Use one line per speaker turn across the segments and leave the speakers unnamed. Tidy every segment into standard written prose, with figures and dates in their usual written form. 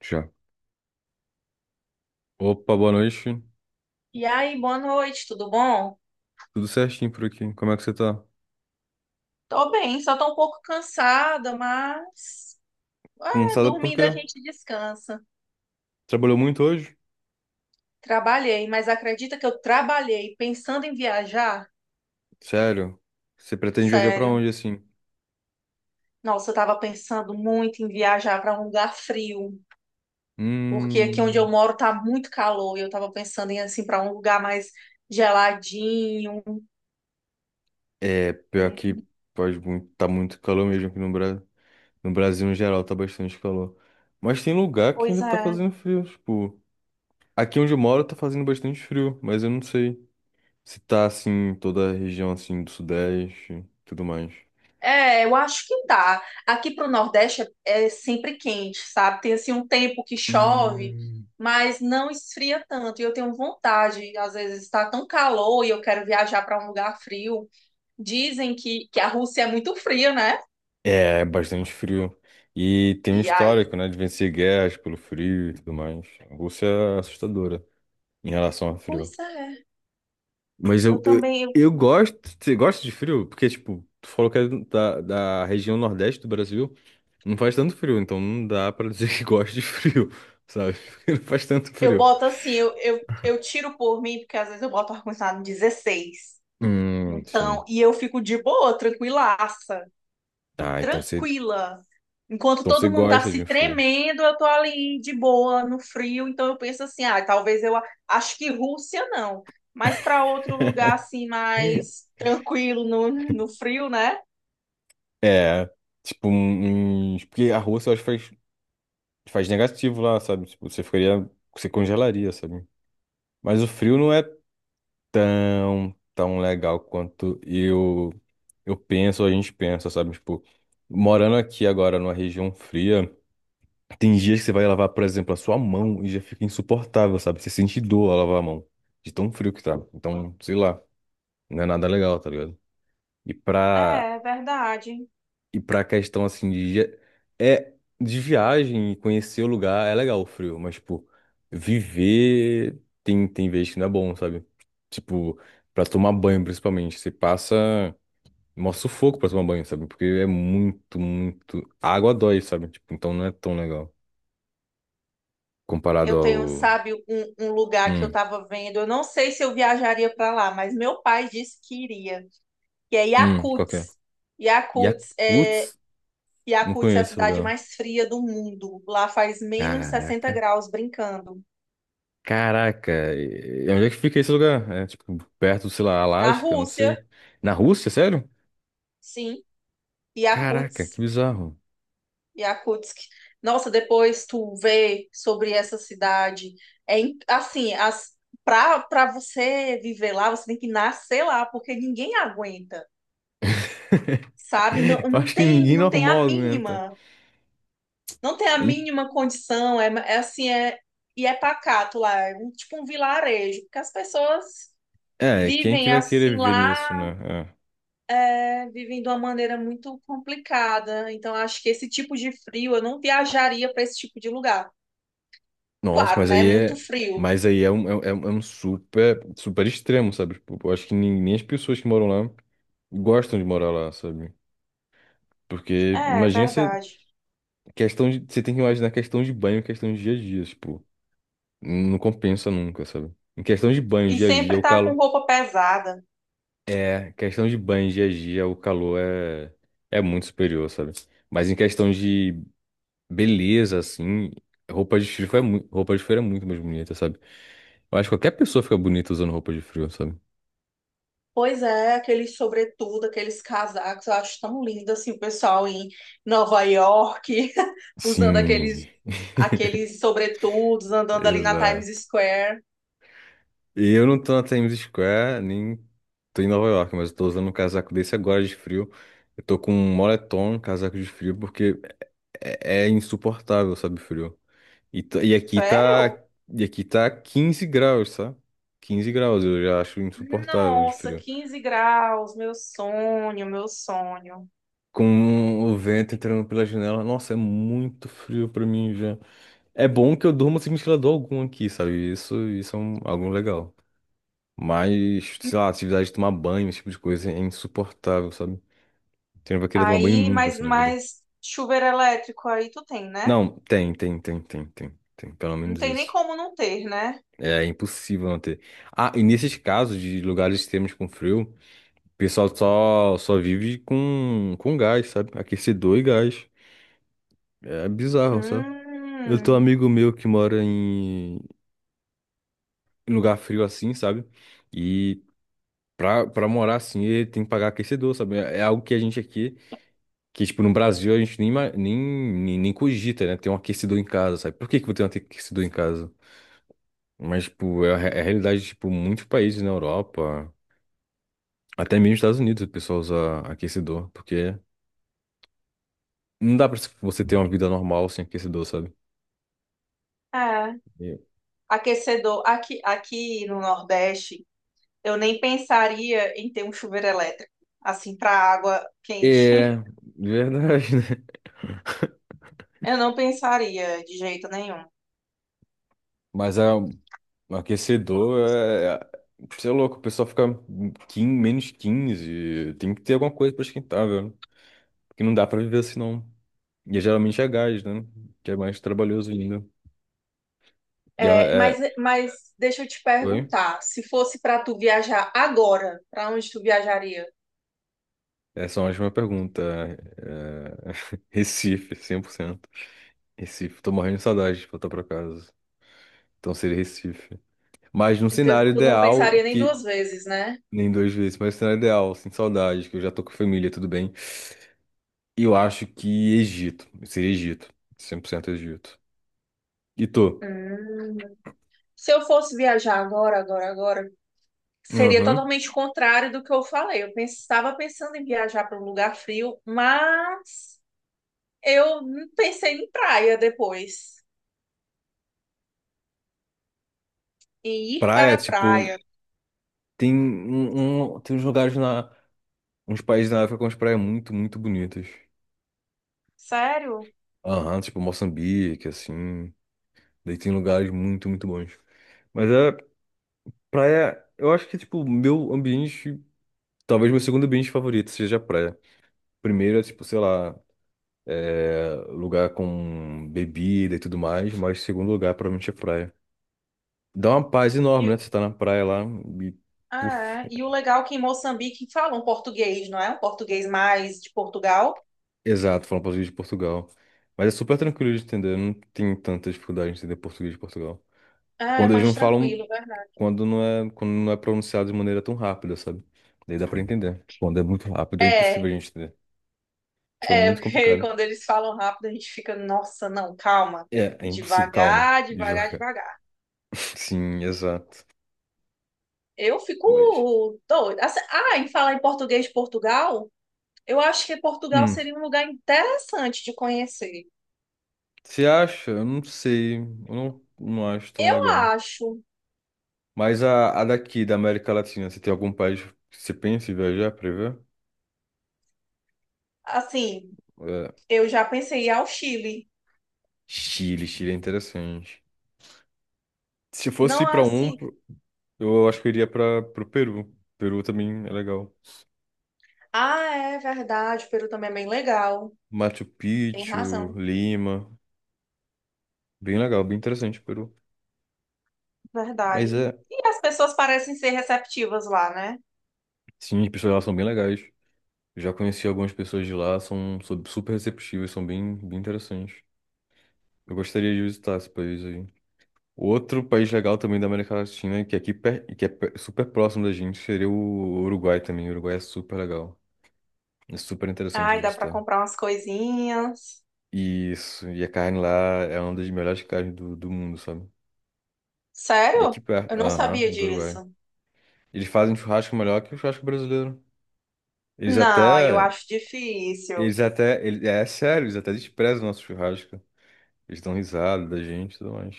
Já. Opa, boa noite.
E aí, boa noite, tudo bom?
Tudo certinho por aqui. Como é que você tá?
Tô bem, só tô um pouco cansada, mas
Cansada por
dormindo
quê?
a gente descansa.
Trabalhou muito hoje?
Trabalhei, mas acredita que eu trabalhei pensando em viajar?
Sério? Você pretende viajar pra
Sério.
onde assim?
Nossa, eu tava pensando muito em viajar para um lugar frio, porque aqui onde
Hum.
eu moro tá muito calor e eu tava pensando em assim para um lugar mais geladinho.
É, pior
Hum.
que pode muito, tá muito calor mesmo aqui no Brasil. No Brasil, em geral, tá bastante calor. Mas tem lugar que
Pois
ainda tá
é.
fazendo frio. Tipo, aqui onde eu moro tá fazendo bastante frio, mas eu não sei se tá assim, em toda a região assim do Sudeste e tudo mais.
É, eu acho que dá. Aqui para o Nordeste é sempre quente, sabe? Tem assim um tempo que chove,
Hum.
mas não esfria tanto. E eu tenho vontade, às vezes está tão calor e eu quero viajar para um lugar frio. Dizem que a Rússia é muito fria, né?
É, bastante frio. E tem um
E aí,
histórico, né, de vencer guerras pelo frio e tudo mais. A Rússia é assustadora em relação ao frio.
pois é.
Mas
Eu
eu, eu,
também, eu,
eu gosto. Você gosta de frio? Porque, tipo, tu falou que é da região nordeste do Brasil. Não faz tanto frio, então não dá pra dizer que gosta de frio, sabe? Porque não faz tanto
eu
frio.
boto assim, eu tiro por mim, porque às vezes eu boto ar-condicionado em 16. Então,
Sim.
e eu fico de boa, tranquilaça,
Ah,
tranquila. Enquanto
então você
todo mundo tá
gosta de
se
um frio.
tremendo, eu tô ali de boa, no frio, então eu penso assim, ah, talvez acho que Rússia não, mas para outro lugar assim mais tranquilo no frio, né?
É, tipo, uns. Porque a Rússia, eu acho que faz. Faz negativo lá, sabe? Tipo, você congelaria, sabe? Mas o frio não é tão, tão legal quanto eu penso, a gente pensa, sabe? Tipo, morando aqui agora numa região fria, tem dias que você vai lavar, por exemplo, a sua mão e já fica insuportável, sabe? Você sente dor ao lavar a mão, de tão frio que tá. Então, sei lá, não é nada legal, tá ligado? E pra
É, é verdade.
E pra questão assim de dia- é de viagem e conhecer o lugar é legal o frio, mas tipo, viver tem vezes que não é bom, sabe? Tipo, pra tomar banho principalmente, você passa mó sufoco pra tomar banho, sabe? Porque é muito a água dói, sabe? Tipo, então não é tão legal comparado
Eu tenho,
ao
sabe, um lugar que eu
hum,
tava vendo, eu não sei se eu viajaria para lá, mas meu pai disse que iria, que é
qualquer
Yakutsk.
e a
Yakutsk é,
Yakuts? Não
Yakutsk é a
conheço o
cidade
lugar.
mais fria do mundo. Lá faz menos sessenta
Caraca.
graus brincando.
Caraca, e onde é que fica esse lugar? É tipo perto, sei lá,
Na
Alasca, não
Rússia,
sei. Na Rússia, sério?
sim.
Caraca, que
Yakutsk,
bizarro.
Yakutsk. Nossa, depois tu vê sobre essa cidade. É in- assim, as para para você viver lá, você tem que nascer lá, porque ninguém aguenta, sabe? Não,
Eu
não
acho que
tem
ninguém
não tem a
normal aguenta.
mínima, não tem a
Em-
mínima condição, é assim, e é pacato lá, é um, tipo um vilarejo, porque as pessoas
É, quem que
vivem
vai querer
assim
viver nisso, né?
lá,
É.
né, vivem de uma maneira muito complicada. Então acho que esse tipo de frio, eu não viajaria para esse tipo de lugar.
Nossa,
Claro, né? Muito
é,
frio.
mas aí é um super, super extremo, sabe? Tipo, eu acho que nem as pessoas que moram lá gostam de morar lá, sabe? Porque
É,
imagina você,
verdade.
você tem que imaginar questão de banho, questão de dia a dia, tipo. Não compensa nunca, sabe? Em questão de banho
E
dia a dia,
sempre
o
tá com
calor.
roupa pesada.
É, questão de banho dia a dia, o calor é muito superior, sabe? Mas em questão de beleza, assim, roupa de frio é muito mais bonita, sabe? Eu acho que qualquer pessoa fica bonita usando roupa de frio, sabe?
Pois é, aqueles sobretudo, aqueles casacos, eu acho tão lindo assim, o pessoal em Nova York, usando
Sim,
aqueles sobretudos, andando ali na Times
exato.
Square.
E eu não tô na Times Square, nem tô em Nova York, mas eu tô usando um casaco desse agora de frio. Eu tô com um moletom, casaco de frio, porque é insuportável, sabe, o frio. E, tá- e aqui
Sério?
tá, e aqui tá 15 graus, sabe? 15 graus, eu já acho insuportável de
Nossa,
frio.
15 graus, meu sonho, meu sonho.
Com o vento entrando pela janela, nossa, é muito frio pra mim já. É bom que eu durmo sem ventilador algum aqui, sabe? Isso é algo legal. Mas, sei lá, atividade de tomar banho, esse tipo de coisa é insuportável, sabe? Você não vai querer tomar banho
Aí,
nunca
mas,
assim na vida.
mas chuveiro elétrico aí tu tem, né?
Não, tem, tem, tem, tem, tem, tem, pelo
Não
menos
tem nem
isso.
como não ter, né?
É impossível não ter. Ah, e nesses casos de lugares extremos com frio. O pessoal só vive com gás, sabe? Aquecedor e gás. É bizarro, sabe? Eu tenho um
Hum,
amigo meu que mora em lugar frio assim, sabe? E pra morar assim, ele tem que pagar aquecedor, sabe? É algo que a gente aqui, que tipo, no Brasil a gente nem, ima- nem, nem, nem cogita, né? Ter um aquecedor em casa, sabe? Por que que eu tenho um aquecedor em casa? Mas, tipo, é a realidade de, tipo, muitos países na Europa, até mesmo nos Estados Unidos, o pessoal usa aquecedor, porque não dá pra você ter uma vida normal sem aquecedor, sabe?
é.
E-
Aquecedor, aqui no Nordeste, eu nem pensaria em ter um chuveiro elétrico, assim, para água quente.
É, verdade, né?
Eu não pensaria de jeito nenhum.
Mas é, um aquecedor é. Você é louco, o pessoal fica quin -15. Tem que ter alguma coisa pra esquentar, velho. Porque não dá pra viver assim, não. E é, geralmente é gás, né? Que é mais trabalhoso ainda. E é,
É, mas,
é...
mas deixa eu te
Oi?
perguntar, se fosse para tu viajar agora, para onde tu viajaria?
Essa é uma ótima pergunta. É, Recife, 100%. Recife, tô morrendo de saudade de voltar pra casa. Então seria Recife. Mas num
Então,
cenário
tu não
ideal
pensaria nem
que.
duas vezes, né?
Nem duas vezes, mas o cenário ideal, sem saudade, que eu já tô com a família, tudo bem. E eu acho que seria Egito, 100% Egito. E tu?
Hum. Se eu fosse viajar agora, agora, agora, seria
Aham.
totalmente contrário do que eu falei. Eu estava pensando em viajar para um lugar frio, mas eu pensei em praia depois, em ir para
Praia,
a
tipo,
praia.
tem uns lugares uns países na África com as praias muito, muito bonitas.
Sério?
Aham, tipo Moçambique, assim, daí tem lugares muito, muito bons. Mas a praia, eu acho que, tipo, talvez meu segundo ambiente favorito seja a praia. Primeiro é, tipo, sei lá, lugar com bebida e tudo mais, mas segundo lugar provavelmente é praia. Dá uma paz enorme, né?
E,
Você tá na praia lá e. Puf,
ah, é. E o legal é que em Moçambique falam português, não é? Um português mais de Portugal.
exato, falando português de Portugal. Mas é super tranquilo de entender, não tem tanta dificuldade de entender português de Portugal.
Ah, é
Quando eles
mais
não falam,
tranquilo, verdade.
quando não é pronunciado de maneira tão rápida, sabe? Daí dá pra entender. Quando é muito rápido, é impossível
É,
a gente entender. Fica
é,
muito
porque
complicado.
quando eles falam rápido, a gente fica, nossa, não, calma.
É impossível. Calma,
Devagar, devagar,
devagar.
devagar.
Sim, exato.
Eu fico
Mas.
doida. Assim, ah, em falar em português de Portugal, eu acho que Portugal
hum,
seria um lugar interessante de conhecer.
Você acha? Eu não sei. Eu não acho tão
Eu
legal.
acho,
Mas da América Latina, você tem algum país que você pensa em viajar pra ver?
assim,
É,
eu já pensei em ir ao Chile.
Chile, Chile é interessante. Se fosse ir
Não é
pra um,
assim.
eu acho que eu iria para pro Peru. Peru também é legal.
Ah, é verdade, o Peru também é bem legal.
Machu
Tem
Picchu,
razão,
Lima. Bem legal, bem interessante o Peru. Mas
verdade.
é,
E as pessoas parecem ser receptivas lá, né?
sim, as pessoas lá são bem legais. Já conheci algumas pessoas de lá, são super receptivas, são bem, bem interessantes. Eu gostaria de visitar esse país aí. Outro país legal também da América Latina, que é super próximo da gente, seria o Uruguai também. O Uruguai é super legal. É super interessante de
Ai, dá pra
visitar.
comprar umas coisinhas.
Isso, e a carne lá é uma das melhores carnes do mundo, sabe? E aqui
Sério?
perto,
Eu não
aham,
sabia
do Uruguai.
disso.
Eles fazem churrasco melhor que o churrasco brasileiro. Eles
Não, aí eu
até,
acho difícil.
É sério, eles até desprezam o nosso churrasco. Eles dão risada da gente e tudo mais.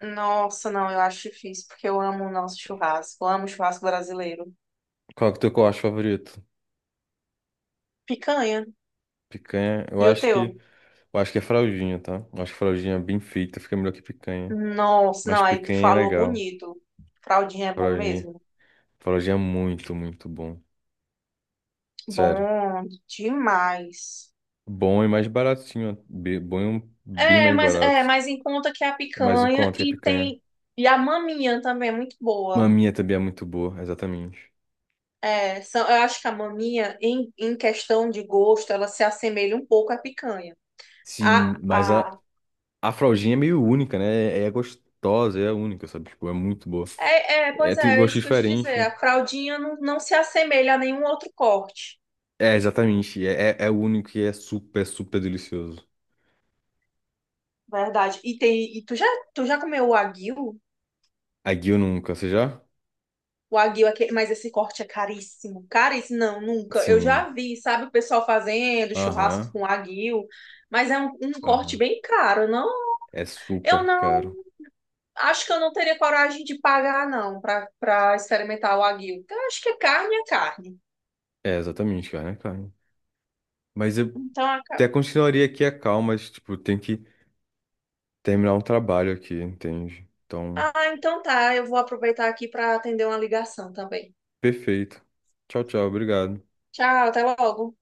Nossa, não, eu acho difícil, porque eu amo o nosso churrasco. Eu amo o churrasco brasileiro.
Qual que é o teu corte favorito?
Picanha.
Picanha? Eu
E o
acho
teu?
que Eu acho que é fraldinha, tá? Eu acho que fraldinha bem feita fica melhor que picanha.
Nossa,
Mas
não, aí tu
picanha é
falou
legal.
bonito. Fraldinha é bom
Fraldinha.
mesmo.
Fraldinha é muito, muito bom. Sério.
Bom demais.
Bom e mais baratinho. Bom e bem
É,
mais
mas é,
barato.
mas em conta que a
É mais em
picanha
conta que a
e
picanha.
tem e a maminha também é muito boa.
Maminha também é muito boa, exatamente.
É, são, eu acho que a maminha em questão de gosto, ela se assemelha um pouco à picanha. A,
Sim, mas a,
a
a fraldinha é meio única, né? É gostosa, é única, sabe? Tipo, é muito boa.
é, é,
É,
pois
tem
é, é
gosto
isso que eu te
diferente.
dizer. A fraldinha não, não se assemelha a nenhum outro corte.
É, exatamente. É único e é super, super delicioso.
Verdade. E tu já comeu o wagyu?
A Guio nunca, você já?
O aguil, mas esse corte é caríssimo. Caríssimo, não, nunca. Eu
Sim.
já vi, sabe, o pessoal fazendo churrasco
Aham,
com aguil, mas é um corte
aham.
bem caro, não?
É
Eu
super
não,
caro.
acho que eu não teria coragem de pagar, não, para experimentar o aguil. Eu acho que é carne, é carne.
É, exatamente, cara, é caro. Mas eu
Então, a ca-
até continuaria aqui a calma, mas, tipo, tem que terminar um trabalho aqui, entende? Então,
então tá, eu vou aproveitar aqui para atender uma ligação também.
perfeito. Tchau, tchau, obrigado.
Tchau, até logo.